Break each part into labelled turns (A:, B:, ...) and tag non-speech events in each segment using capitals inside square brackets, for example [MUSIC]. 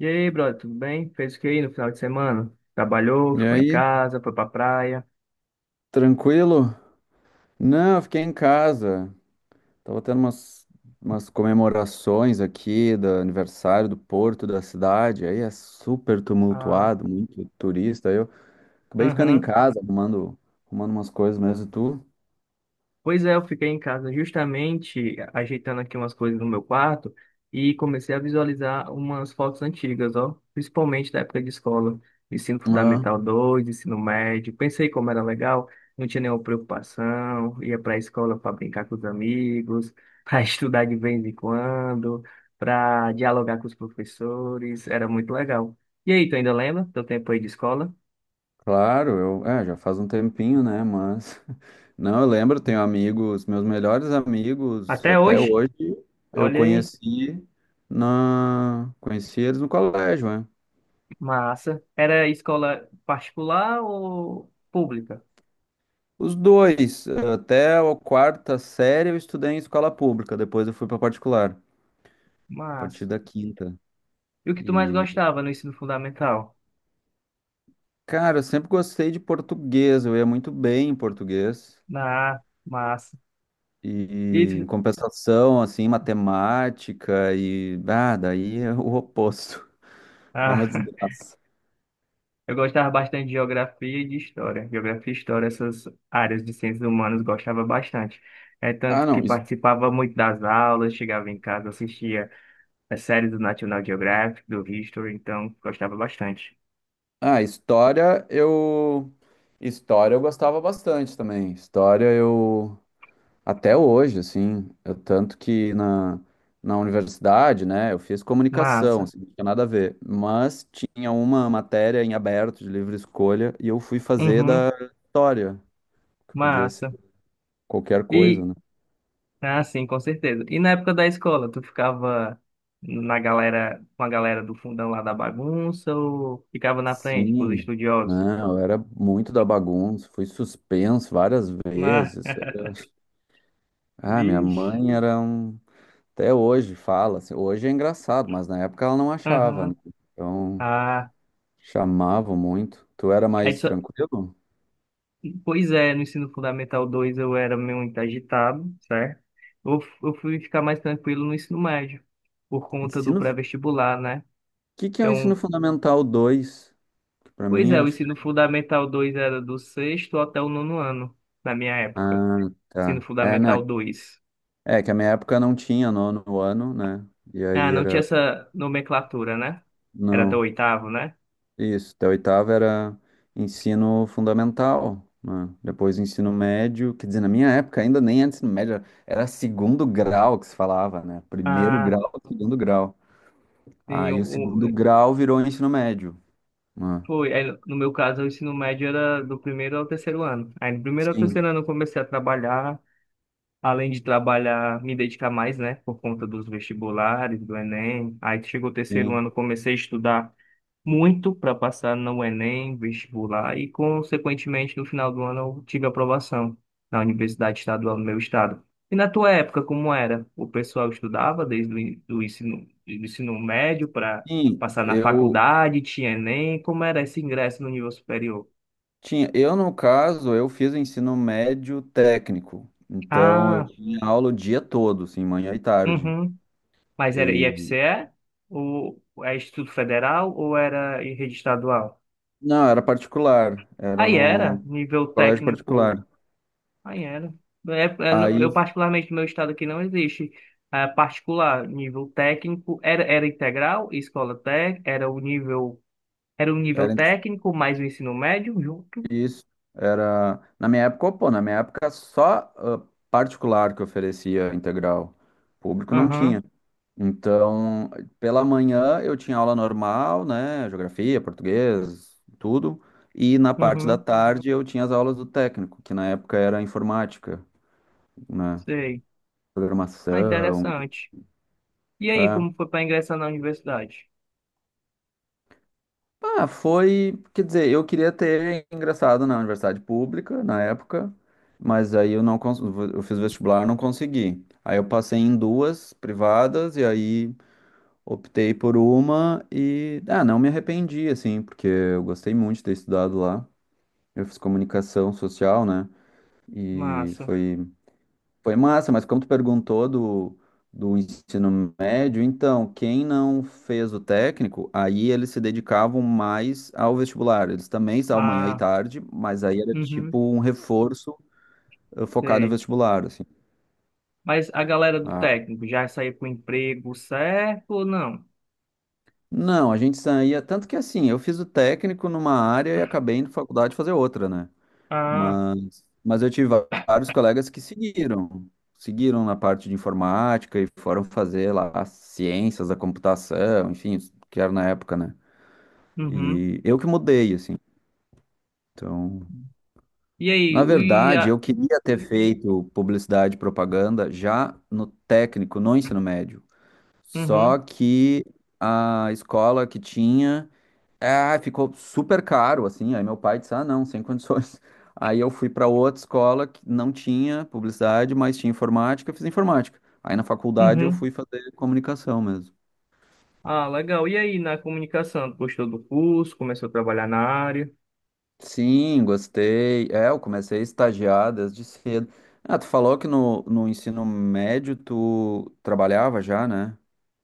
A: E aí, brother, tudo bem? Fez o que aí no final de semana? Trabalhou,
B: E
A: ficou em
B: aí,
A: casa, foi pra praia.
B: tranquilo? Não, eu fiquei em casa. Tava tendo umas comemorações aqui do aniversário do porto da cidade. Aí é super
A: Ah,
B: tumultuado, muito turista. Aí eu acabei ficando em
A: aham.
B: casa, arrumando umas coisas mesmo. E tu?
A: Pois é, eu fiquei em casa justamente ajeitando aqui umas coisas no meu quarto e comecei a visualizar umas fotos antigas, ó, principalmente da época de escola, ensino
B: Ah,
A: fundamental dois, ensino médio. Pensei como era legal, não tinha nenhuma preocupação, ia para a escola para brincar com os amigos, [LAUGHS] para estudar de vez em quando, para dialogar com os professores, era muito legal. E aí, tu ainda lembra do teu tempo aí de escola?
B: claro, eu, é, já faz um tempinho, né? Mas [LAUGHS] não, eu lembro, tenho amigos, meus melhores amigos
A: Até
B: até
A: hoje?
B: hoje, eu
A: Olha aí.
B: conheci eles no colégio, é.
A: Massa. Era escola particular ou pública?
B: Os dois, até a quarta série eu estudei em escola pública, depois eu fui para particular, a
A: Massa.
B: partir da quinta.
A: E o que tu mais
B: E,
A: gostava no ensino fundamental?
B: cara, eu sempre gostei de português, eu ia muito bem em português.
A: Ah, massa. E
B: E em
A: tu-
B: compensação, assim, matemática e daí é o oposto. [LAUGHS] É uma
A: Ah, [LAUGHS]
B: desgraça.
A: eu gostava bastante de geografia e de história. Geografia e história, essas áreas de ciências humanas, gostava bastante. É
B: Ah,
A: tanto que
B: não.
A: participava muito das aulas, chegava em casa, assistia as séries do National Geographic, do History, então gostava bastante.
B: Ah, história eu gostava bastante também. História eu Até hoje, assim, tanto que na universidade, né, eu fiz comunicação,
A: Massa.
B: assim, não tinha nada a ver, mas tinha uma matéria em aberto de livre escolha e eu fui fazer
A: Uhum,
B: da história, que podia ser
A: massa.
B: qualquer coisa,
A: E
B: né?
A: Ah, sim, com certeza. E na época da escola, tu ficava na galera, com a galera do fundão lá da bagunça ou ficava na frente com os
B: Sim,
A: estudiosos?
B: não, eu era muito da bagunça, fui suspenso várias
A: Ah,
B: vezes.
A: [LAUGHS]
B: Ah, minha
A: vixe.
B: mãe era um. Até hoje fala, assim, hoje é engraçado, mas na época ela não achava, né?
A: Aham.
B: Então
A: Ah,
B: chamavam muito. Tu era
A: aí
B: mais
A: só...
B: tranquilo?
A: Pois é, no ensino fundamental 2 eu era muito agitado, certo? Eu fui ficar mais tranquilo no ensino médio, por conta do
B: Ensino. O
A: pré-vestibular, né?
B: que que é o ensino
A: Então,
B: fundamental dois? Que pra
A: pois
B: mim
A: é,
B: era
A: o ensino
B: diferente.
A: fundamental 2 era do sexto até o nono ano, na minha época.
B: Ah,
A: Ensino
B: tá. É,
A: fundamental
B: na...
A: 2.
B: é que a minha época não tinha nono ano, né? E
A: Ah,
B: aí
A: não tinha
B: era.
A: essa nomenclatura, né? Era até o
B: Não.
A: oitavo, né?
B: Isso. Até a oitava era ensino fundamental, né? Depois ensino médio. Quer dizer, na minha época ainda nem era ensino médio, era segundo grau que se falava, né? Primeiro
A: Ah,
B: grau, segundo grau.
A: sim,
B: Aí o segundo grau virou ensino médio, né?
A: foi. Aí, no meu caso, o ensino médio era do primeiro ao terceiro ano. Aí, no primeiro ao
B: Sim,
A: terceiro ano, eu comecei a trabalhar. Além de trabalhar, me dedicar mais, né? Por conta dos vestibulares, do Enem. Aí, chegou o terceiro
B: sim.
A: ano, comecei a estudar muito para passar no Enem, vestibular e, consequentemente, no final do ano eu tive aprovação na Universidade Estadual do meu estado. E na tua época, como era? O pessoal estudava desde do ensino médio para
B: Sim,
A: passar na
B: eu.
A: faculdade, tinha Enem, como era esse ingresso no nível superior?
B: Tinha, eu no caso, eu fiz o ensino médio técnico, então eu
A: Ah,
B: tinha aula o dia todo, assim, manhã e tarde.
A: uhum. Mas era
B: E
A: IFCE? Ou é Instituto Federal ou era em rede estadual?
B: não, era particular, era
A: Aí era
B: num
A: nível
B: colégio
A: técnico.
B: particular.
A: Aí era. É, é, no-
B: Aí
A: eu, particularmente, no meu estado aqui não existe eh, particular. Nível técnico era, era integral, escola técnica, era o nível
B: era.
A: técnico mais o ensino médio junto.
B: Isso. Era. Na minha época, pô, na minha época só particular que oferecia integral. Público não
A: Aham,
B: tinha. Então, pela manhã eu tinha aula normal, né? Geografia, português, tudo. E na parte da
A: uhum,
B: tarde eu tinha as aulas do técnico, que na época era informática, né?
A: sei. Ah,
B: Programação.
A: interessante. E aí,
B: É.
A: como foi para ingressar na universidade?
B: Ah, foi, quer dizer, eu queria ter ingressado na universidade pública na época, mas aí eu não eu fiz vestibular, não consegui. Aí eu passei em duas privadas e aí optei por uma e não me arrependi assim, porque eu gostei muito de ter estudado lá. Eu fiz comunicação social, né? E
A: Massa.
B: foi massa, mas como tu perguntou do ensino médio, então, quem não fez o técnico, aí eles se dedicavam mais ao vestibular. Eles também estavam manhã e
A: Ah,
B: tarde, mas aí era
A: uhum,
B: tipo um reforço focado em
A: sei.
B: vestibular, assim.
A: Mas a galera do
B: Ah,
A: técnico já saiu com o emprego certo ou não?
B: não, a gente saía, tanto que assim, eu fiz o técnico numa área e acabei indo na faculdade fazer outra, né?
A: Ah,
B: Mas eu tive vários colegas que seguiram na parte de informática e foram fazer lá as ciências da computação, enfim, os que era na época, né?
A: uhum.
B: E eu que mudei, assim. Então,
A: E aí,
B: na
A: o- e
B: verdade,
A: a,
B: eu queria ter feito publicidade e propaganda já no técnico, no ensino médio. Só
A: uhum,
B: que a escola que tinha, é, ficou super caro, assim. Aí meu pai disse: ah, não, sem condições. [LAUGHS] Aí eu fui para outra escola que não tinha publicidade, mas tinha informática, eu fiz informática. Aí na faculdade eu
A: uhum.
B: fui fazer comunicação mesmo.
A: Ah, legal. E aí, na comunicação, tu gostou do curso, começou a trabalhar na área?
B: Sim, gostei. É, eu comecei a estagiar desde cedo. Ah, tu falou que no ensino médio tu trabalhava já, né?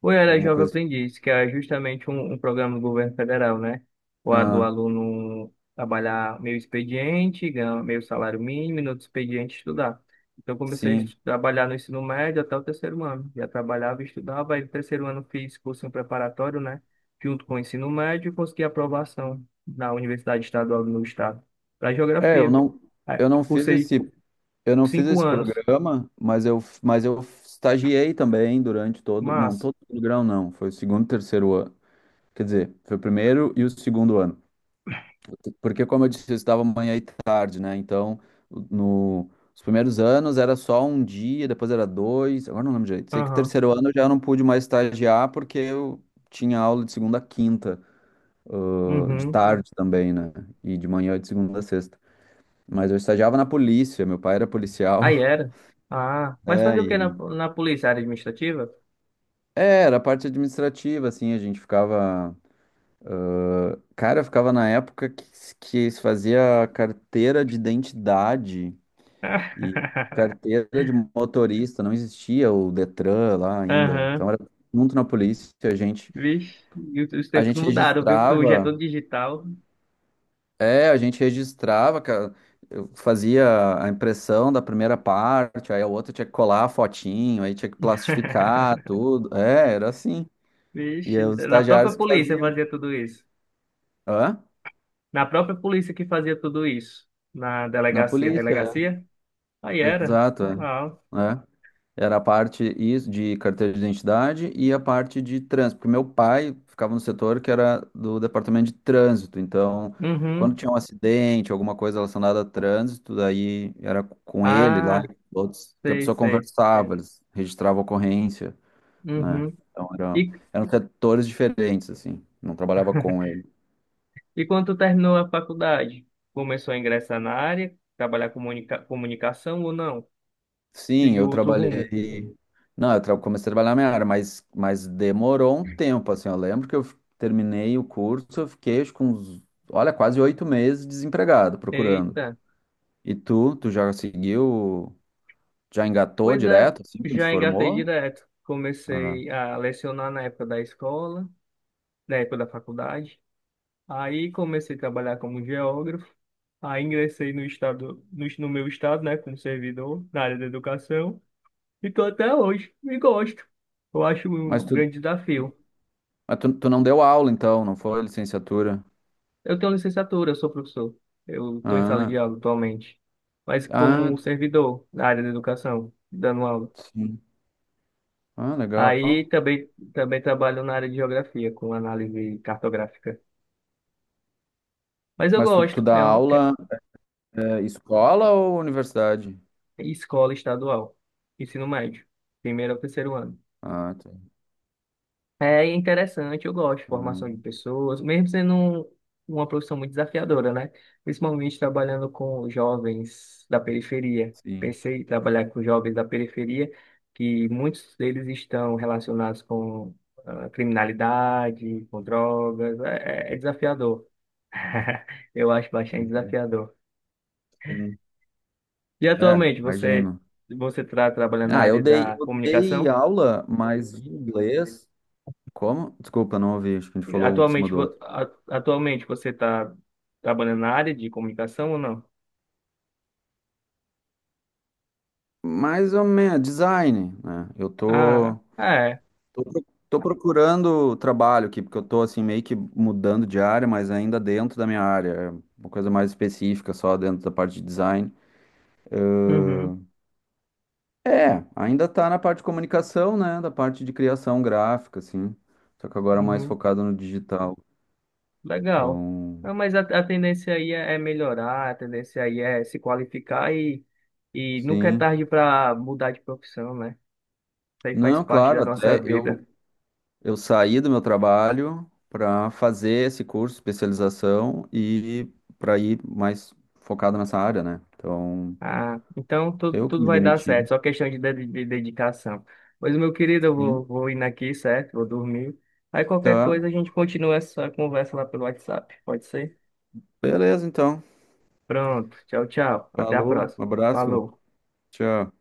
A: Ou era
B: Alguma
A: Jovem
B: coisa assim.
A: Aprendiz, que é justamente um programa do governo federal, né? O a do
B: Ah,
A: aluno trabalhar meio expediente, ganhar meio salário mínimo, e no outro expediente estudar. Então, eu comecei a
B: sim.
A: trabalhar no ensino médio até o terceiro ano. Já trabalhava e estudava, aí no terceiro ano fiz cursinho preparatório, né? Junto com o ensino médio, consegui aprovação na Universidade Estadual do meu estado, para
B: É,
A: geografia. Aí,
B: eu não fiz
A: cursei
B: esse eu não fiz
A: cinco
B: esse
A: anos.
B: programa, mas eu estagiei também durante todo. Não,
A: Mas,
B: todo o grau não. Foi o segundo e terceiro ano. Quer dizer, foi o primeiro e o segundo ano. Porque, como eu disse, eu estudava manhã e tarde, né? Então, no, os primeiros anos era só um dia, depois era dois. Agora não lembro direito. Sei que
A: aham.
B: terceiro ano eu já não pude mais estagiar porque eu tinha aula de segunda a quinta, de
A: Uhum.
B: tarde também, né? E de manhã de segunda a sexta. Mas eu estagiava na polícia, meu pai era
A: Aí
B: policial. [LAUGHS]
A: era. Ah, mas
B: É,
A: fazer o que
B: e
A: na polícia administrativa?
B: É, era a parte administrativa, assim, a gente ficava. Cara, eu ficava na época que se fazia carteira de identidade e
A: [LAUGHS]
B: carteira de motorista, não existia o Detran lá ainda.
A: Aham.
B: Então era junto na polícia, a gente,
A: Vixe, e os
B: a
A: tempos
B: gente
A: mudaram, viu? Que tu já é tudo
B: registrava,
A: digital.
B: é, a gente registrava, ca- eu fazia a impressão da primeira parte, aí a outra tinha que colar a fotinho, aí tinha que plastificar
A: [LAUGHS]
B: tudo. É, era assim. E
A: Vixe,
B: é os
A: na própria
B: estagiários que
A: polícia
B: faziam.
A: fazia tudo isso.
B: Hã?
A: Na própria polícia que fazia tudo isso. Na
B: Na
A: delegacia.
B: polícia, é.
A: Delegacia? Aí era.
B: Exato, é.
A: Ah,
B: É. Era a parte de carteira de identidade e a parte de trânsito, porque meu pai ficava no setor que era do departamento de trânsito, então quando
A: uhum.
B: tinha um acidente, alguma coisa relacionada a trânsito, daí era com ele lá,
A: Ah,
B: e outros, que a
A: sei,
B: pessoa
A: sei.
B: conversava, eles registravam a ocorrência, né?
A: Uhum.
B: Então era,
A: E
B: eram setores diferentes, assim, não trabalhava com ele.
A: E quando tu terminou a faculdade, começou a ingressar na área, trabalhar com comunicação ou não?
B: Sim,
A: Seguiu
B: eu
A: outro rumo?
B: trabalhei. Não, eu comecei a trabalhar na minha área, mas demorou um tempo, assim. Eu lembro que eu terminei o curso, eu fiquei acho, com uns, olha, quase 8 meses desempregado, procurando.
A: Eita,
B: E tu já seguiu, já engatou
A: pois é,
B: direto, assim, quando te
A: já engatei
B: formou?
A: direto.
B: Ah.
A: Comecei a lecionar na época da escola, na época da faculdade. Aí comecei a trabalhar como geógrafo. Aí ingressei no estado, no meu estado, né, como servidor na área da educação. E tô até hoje, e gosto. Eu acho um
B: Mas tu,
A: grande desafio.
B: mas tu não deu aula, então, não foi licenciatura?
A: Eu tenho licenciatura, eu sou professor. Eu estou em sala
B: Ah,
A: de aula atualmente, mas
B: ah,
A: como servidor na área da educação, dando aula.
B: sim. Ah,
A: Aí
B: legal.
A: também, também trabalho na área de geografia, com análise cartográfica. Mas eu
B: Mas tu
A: gosto,
B: dá
A: é, é
B: aula, escola ou universidade?
A: escola estadual, ensino médio, primeiro ao terceiro ano.
B: Ah, tá.
A: É interessante, eu gosto de formação de
B: Ah,
A: pessoas, mesmo sendo uma profissão muito desafiadora, né? Principalmente trabalhando com jovens da periferia.
B: sim.
A: Pensei em trabalhar com jovens da periferia, que muitos deles estão relacionados com ah, criminalidade, com drogas. É, é desafiador. [LAUGHS] Eu acho bastante desafiador.
B: Sim.
A: E
B: É,
A: atualmente,
B: imagino.
A: você está trabalhando na
B: Ah, eu
A: área
B: dei,
A: da
B: eu dei
A: comunicação?
B: aula, mas de inglês. Como? Desculpa, não ouvi. Acho que a gente falou um por cima
A: Atualmente,
B: do outro.
A: atualmente você está trabalhando na área de comunicação ou não?
B: Mais ou menos, design, né? Eu tô,
A: Ah, ah, é.
B: tô, pro- tô procurando trabalho aqui, porque eu tô assim meio que mudando de área, mas ainda dentro da minha área. É. Uma coisa mais específica, só dentro da parte de design.
A: Uhum,
B: É, ainda tá na parte de comunicação, né? Da parte de criação gráfica, assim. Só que agora é mais
A: uhum.
B: focado no digital.
A: Legal.
B: Então,
A: Ah, mas a tendência aí é melhorar, a tendência aí é se qualificar e nunca é
B: sim.
A: tarde para mudar de profissão, né? Isso aí faz
B: Não,
A: parte
B: claro,
A: da nossa
B: até
A: vida.
B: eu saí do meu trabalho para fazer esse curso especialização e para ir mais focado nessa área, né? Então,
A: Ah, então tudo,
B: eu que
A: tudo
B: me
A: vai dar certo,
B: demiti.
A: só questão de dedicação. Pois, meu querido, eu vou,
B: Sim.
A: vou indo aqui, certo? Vou dormir. Aí qualquer
B: Tá,
A: coisa a gente continua essa conversa lá pelo WhatsApp, pode ser?
B: beleza, então.
A: Pronto. Tchau, tchau. Até a
B: Falou, um
A: próxima.
B: abraço,
A: Falou.
B: tchau.